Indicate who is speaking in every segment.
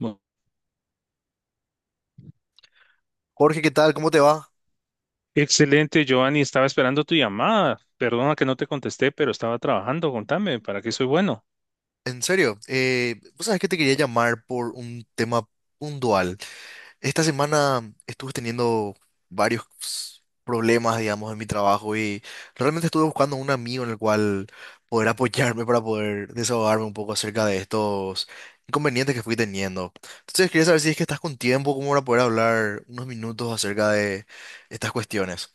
Speaker 1: Mu-
Speaker 2: Jorge, ¿qué tal? ¿Cómo te va?
Speaker 1: Excelente, Giovanni. Estaba esperando tu llamada. Perdona que no te contesté, pero estaba trabajando. Contame, ¿para qué soy bueno?
Speaker 2: En serio, vos sabés que te quería llamar por un tema puntual. Esta semana estuve teniendo varios problemas, digamos, en mi trabajo y realmente estuve buscando un amigo en el cual poder apoyarme para poder desahogarme un poco acerca de estos inconvenientes que fui teniendo. Entonces quería saber si es que estás con tiempo, como para poder hablar unos minutos acerca de estas cuestiones.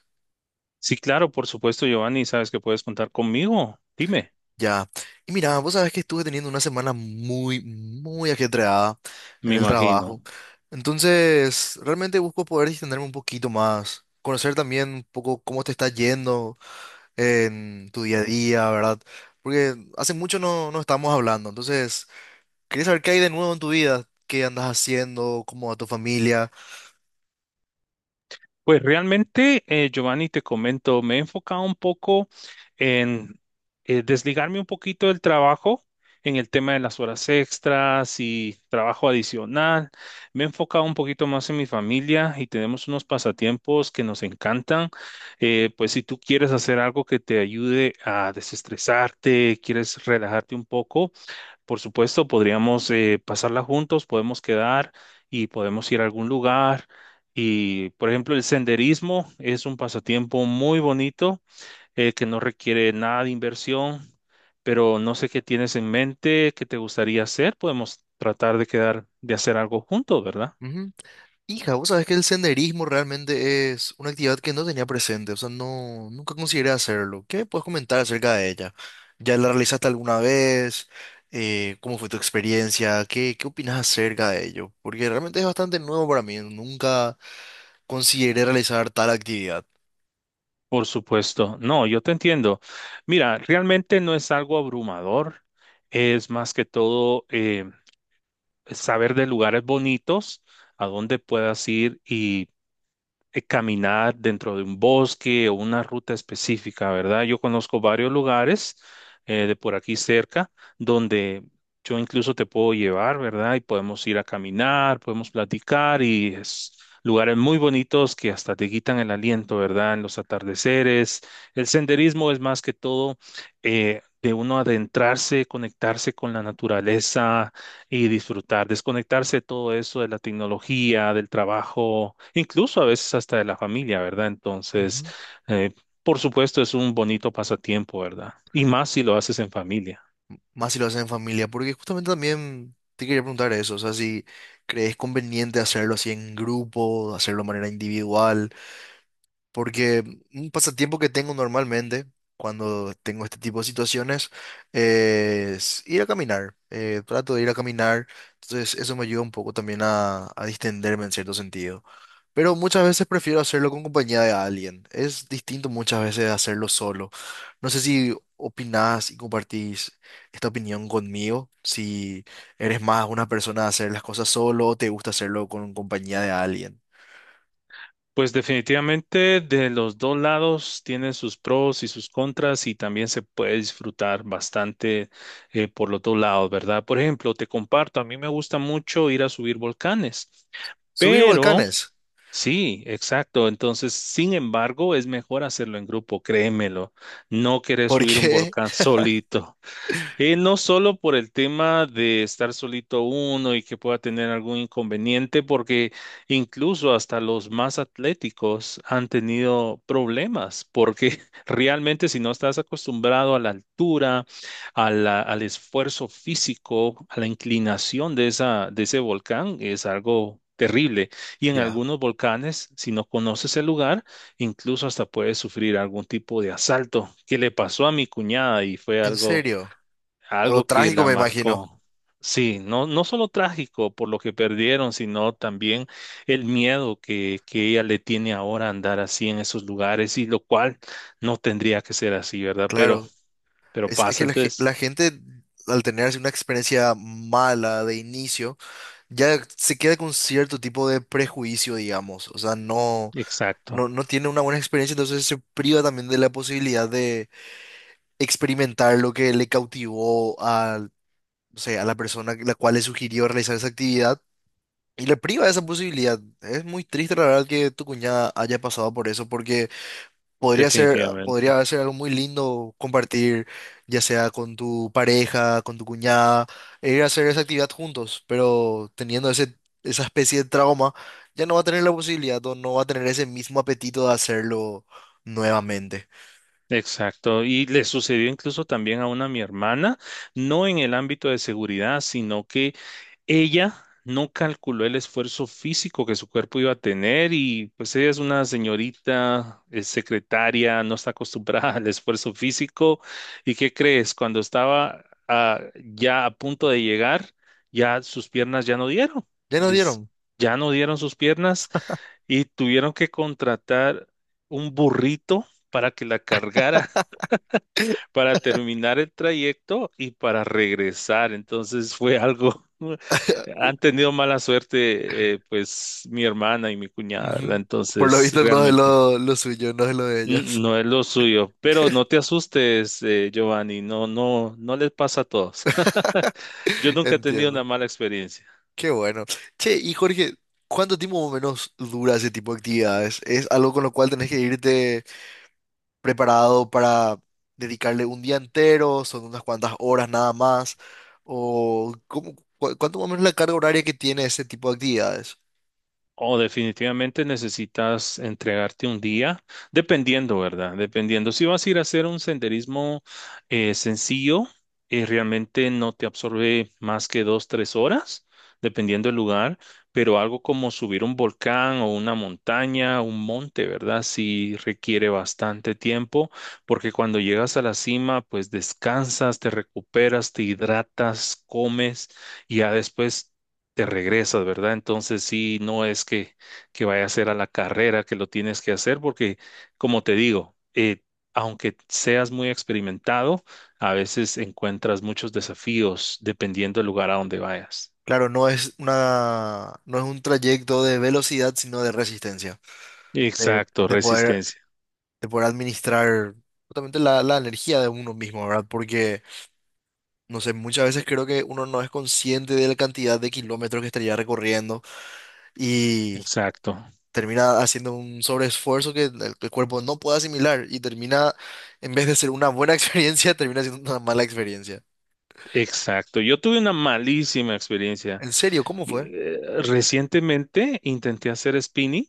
Speaker 1: Sí, claro, por supuesto, Giovanni. Sabes que puedes contar conmigo. Dime.
Speaker 2: Ya. Y mira, vos sabés que estuve teniendo una semana muy, muy ajetreada en
Speaker 1: Me
Speaker 2: el trabajo.
Speaker 1: imagino.
Speaker 2: Entonces, realmente busco poder distenderme un poquito más, conocer también un poco cómo te está yendo en tu día a día, ¿verdad? Porque hace mucho no estamos hablando. Entonces, quería saber qué hay de nuevo en tu vida, qué andas haciendo, cómo va tu familia.
Speaker 1: Pues realmente, Giovanni, te comento, me he enfocado un poco en desligarme un poquito del trabajo en el tema de las horas extras y trabajo adicional. Me he enfocado un poquito más en mi familia y tenemos unos pasatiempos que nos encantan. Pues si tú quieres hacer algo que te ayude a desestresarte, quieres relajarte un poco, por supuesto, podríamos pasarla juntos, podemos quedar y podemos ir a algún lugar. Y, por ejemplo, el senderismo es un pasatiempo muy bonito que no requiere nada de inversión, pero no sé qué tienes en mente, qué te gustaría hacer. Podemos tratar de quedar, de hacer algo juntos, ¿verdad?
Speaker 2: Hija, vos sabés que el senderismo realmente es una actividad que no tenía presente, o sea, no, nunca consideré hacerlo. ¿Qué me puedes comentar acerca de ella? ¿Ya la realizaste alguna vez? ¿Cómo fue tu experiencia? ¿Qué opinas acerca de ello? Porque realmente es bastante nuevo para mí, nunca consideré realizar tal actividad.
Speaker 1: Por supuesto. No, yo te entiendo. Mira, realmente no es algo abrumador. Es más que todo, saber de lugares bonitos a donde puedas ir y caminar dentro de un bosque o una ruta específica, ¿verdad? Yo conozco varios lugares de por aquí cerca donde yo incluso te puedo llevar, ¿verdad? Y podemos ir a caminar, podemos platicar y es lugares muy bonitos que hasta te quitan el aliento, ¿verdad? En los atardeceres. El senderismo es más que todo de uno adentrarse, conectarse con la naturaleza y disfrutar, desconectarse de todo eso de la tecnología, del trabajo, incluso a veces hasta de la familia, ¿verdad? Entonces,
Speaker 2: Ujú.
Speaker 1: eh, por supuesto, es un bonito pasatiempo, ¿verdad? Y más si lo haces en familia.
Speaker 2: Más si lo haces en familia, porque justamente también te quería preguntar eso, o sea, si crees conveniente hacerlo así en grupo, hacerlo de manera individual. Porque un pasatiempo que tengo normalmente cuando tengo este tipo de situaciones es ir a caminar. Trato de ir a caminar. Entonces eso me ayuda un poco también a distenderme en cierto sentido. Pero muchas veces prefiero hacerlo con compañía de alguien. Es distinto muchas veces de hacerlo solo. No sé si opinás y compartís esta opinión conmigo. Si eres más una persona de hacer las cosas solo o te gusta hacerlo con compañía de alguien.
Speaker 1: Pues definitivamente de los dos lados tienen sus pros y sus contras y también se puede disfrutar bastante por los dos lados, ¿verdad? Por ejemplo, te comparto, a mí me gusta mucho ir a subir volcanes.
Speaker 2: Subir
Speaker 1: Pero
Speaker 2: volcanes.
Speaker 1: Sí, exacto. Entonces, sin embargo, es mejor hacerlo en grupo, créemelo. No querés
Speaker 2: ¿Por
Speaker 1: subir un
Speaker 2: qué?
Speaker 1: volcán solito. No solo por el tema de estar solito uno y que pueda tener algún inconveniente, porque incluso hasta los más atléticos han tenido problemas, porque realmente si no estás acostumbrado a la altura, al esfuerzo físico, a la inclinación de ese volcán, es algo terrible. Y en
Speaker 2: Ya.
Speaker 1: algunos volcanes, si no conoces el lugar, incluso hasta puedes sufrir algún tipo de asalto, que le pasó a mi cuñada y fue
Speaker 2: ¿En
Speaker 1: algo
Speaker 2: serio? Algo
Speaker 1: que
Speaker 2: trágico,
Speaker 1: la
Speaker 2: me imagino.
Speaker 1: marcó. Sí, no, no solo trágico por lo que perdieron, sino también el miedo que ella le tiene ahora a andar así en esos lugares, y lo cual no tendría que ser así, ¿verdad? Pero,
Speaker 2: Claro.
Speaker 1: pero
Speaker 2: Es
Speaker 1: pasa,
Speaker 2: que la
Speaker 1: entonces,
Speaker 2: gente, al tener así una experiencia mala de inicio, ya se queda con cierto tipo de prejuicio, digamos. O sea,
Speaker 1: exacto,
Speaker 2: no tiene una buena experiencia, entonces se priva también de la posibilidad de experimentar lo que le cautivó a, no sé, a la persona la cual le sugirió realizar esa actividad. Y le priva de esa posibilidad. Es muy triste, la verdad, que tu cuñada haya pasado por eso, porque podría ser,
Speaker 1: definitivamente.
Speaker 2: podría ser algo muy lindo compartir, ya sea con tu pareja, con tu cuñada, e ir a hacer esa actividad juntos, pero teniendo esa especie de trauma, ya no va a tener la posibilidad o no va a tener ese mismo apetito de hacerlo nuevamente.
Speaker 1: Exacto, y le sucedió incluso también a una mi hermana, no en el ámbito de seguridad, sino que ella no calculó el esfuerzo físico que su cuerpo iba a tener y pues ella es una señorita, es secretaria, no está acostumbrada al esfuerzo físico. ¿Y qué crees? Cuando estaba ya a punto de llegar, ya sus piernas ya no dieron,
Speaker 2: Ya nos
Speaker 1: yes-
Speaker 2: dieron.
Speaker 1: ya no dieron sus piernas y tuvieron que contratar un burrito para que la cargara, para terminar el trayecto y para regresar. Entonces fue algo, han tenido mala suerte, pues mi hermana y mi cuñada, ¿verdad?
Speaker 2: Ujú. Por lo
Speaker 1: Entonces
Speaker 2: visto no es
Speaker 1: realmente
Speaker 2: lo suyo, no es lo de ellas.
Speaker 1: no es lo suyo, pero no te asustes, Giovanni, no, no, no les pasa a todos. Yo nunca he tenido una
Speaker 2: Entiendo.
Speaker 1: mala experiencia.
Speaker 2: Qué bueno. Che, y Jorge, ¿cuánto tiempo más o menos dura ese tipo de actividades? ¿Es algo con lo cual tenés que irte preparado para dedicarle un día entero, son unas cuantas horas nada más, o cómo, cuánto más o menos la carga horaria que tiene ese tipo de actividades?
Speaker 1: O definitivamente necesitas entregarte un día, dependiendo, ¿verdad? Dependiendo. Si vas a ir a hacer un senderismo sencillo, realmente no te absorbe más que 2, 3 horas, dependiendo del lugar, pero algo como subir un volcán o una montaña, un monte, ¿verdad? Sí requiere bastante tiempo, porque cuando llegas a la cima, pues descansas, te recuperas, te hidratas, comes y ya después te regresas, ¿verdad? Entonces sí, no es que vaya a ser a la carrera que lo tienes que hacer, porque como te digo, aunque seas muy experimentado, a veces encuentras muchos desafíos dependiendo del lugar a donde vayas.
Speaker 2: Claro, no es no es un trayecto de velocidad, sino de resistencia, de,
Speaker 1: Exacto,
Speaker 2: de poder,
Speaker 1: resistencia.
Speaker 2: de poder administrar justamente la energía de uno mismo, ¿verdad? Porque, no sé, muchas veces creo que uno no es consciente de la cantidad de kilómetros que estaría recorriendo y
Speaker 1: Exacto,
Speaker 2: termina haciendo un sobreesfuerzo que el cuerpo no puede asimilar y termina, en vez de ser una buena experiencia, termina siendo una mala experiencia.
Speaker 1: exacto. Yo tuve una malísima experiencia.
Speaker 2: ¿En serio? ¿Cómo fue?
Speaker 1: Eh, Recientemente intenté hacer spinning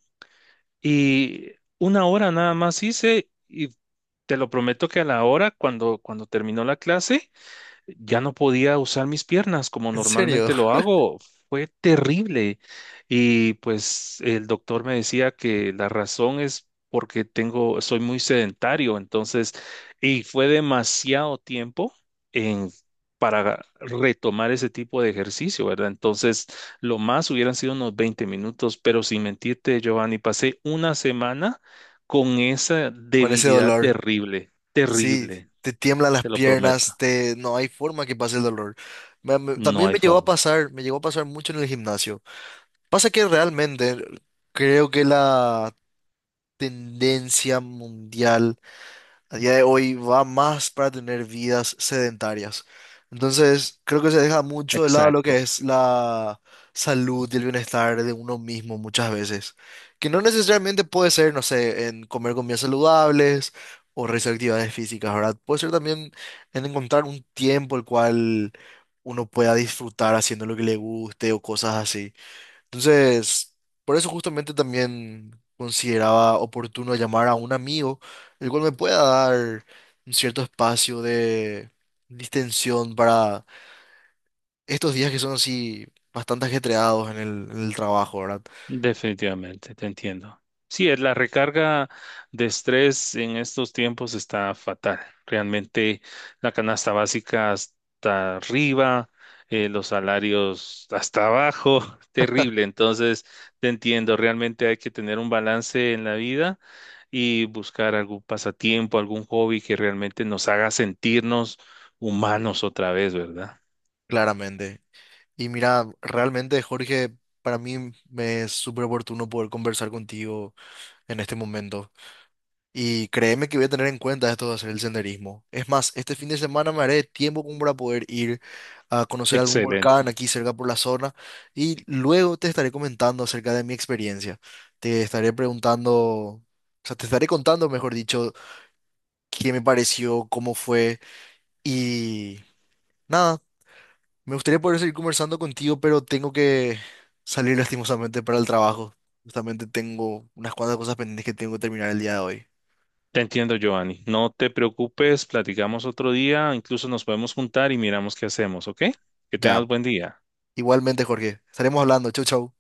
Speaker 1: y 1 hora nada más hice y te lo prometo que a la hora, cuando terminó la clase, ya no podía usar mis piernas como
Speaker 2: ¿En serio?
Speaker 1: normalmente lo hago. Fue terrible. Y pues el doctor me decía que la razón es porque soy muy sedentario, entonces, y fue demasiado tiempo en para retomar ese tipo de ejercicio, ¿verdad? Entonces, lo más hubieran sido unos 20 minutos, pero sin mentirte, Giovanni, pasé una semana con esa
Speaker 2: Con ese
Speaker 1: debilidad
Speaker 2: dolor.
Speaker 1: terrible,
Speaker 2: Sí,
Speaker 1: terrible,
Speaker 2: te tiemblan las
Speaker 1: te lo prometo,
Speaker 2: piernas, te no hay forma que pase el dolor.
Speaker 1: no
Speaker 2: También
Speaker 1: hay
Speaker 2: me llegó a
Speaker 1: forma.
Speaker 2: pasar, me llegó a pasar mucho en el gimnasio. Pasa que realmente creo que la tendencia mundial a día de hoy va más para tener vidas sedentarias. Entonces, creo que se deja mucho de lado lo que
Speaker 1: Exacto,
Speaker 2: es la salud y el bienestar de uno mismo muchas veces. Que no necesariamente puede ser, no sé, en comer comidas saludables o realizar actividades físicas, ¿verdad? Puede ser también en encontrar un tiempo el cual uno pueda disfrutar haciendo lo que le guste o cosas así. Entonces, por eso justamente también consideraba oportuno llamar a un amigo, el cual me pueda dar un cierto espacio de distensión para estos días que son así bastante ajetreados en en el trabajo, ¿verdad?
Speaker 1: definitivamente, te entiendo. Sí, es la recarga de estrés en estos tiempos está fatal. Realmente la canasta básica hasta arriba, los salarios hasta abajo, terrible. Entonces, te entiendo, realmente hay que tener un balance en la vida y buscar algún pasatiempo, algún hobby que realmente nos haga sentirnos humanos otra vez, ¿verdad?
Speaker 2: Claramente. Y mira, realmente, Jorge, para mí me es súper oportuno poder conversar contigo en este momento. Y créeme que voy a tener en cuenta esto de hacer el senderismo. Es más, este fin de semana me haré tiempo como para poder ir a conocer algún
Speaker 1: Excelente.
Speaker 2: volcán aquí cerca por la zona y luego te estaré comentando acerca de mi experiencia. Te estaré preguntando, o sea, te estaré contando, mejor dicho, qué me pareció, cómo fue y nada, me gustaría poder seguir conversando contigo, pero tengo que salir lastimosamente para el trabajo. Justamente tengo unas cuantas cosas pendientes que tengo que terminar el día de hoy.
Speaker 1: Te entiendo, Giovanni. No te preocupes, platicamos otro día, incluso nos podemos juntar y miramos qué hacemos, ¿ok? Que tengas
Speaker 2: Ya,
Speaker 1: buen día.
Speaker 2: igualmente, Jorge, estaremos hablando. Chau, chau.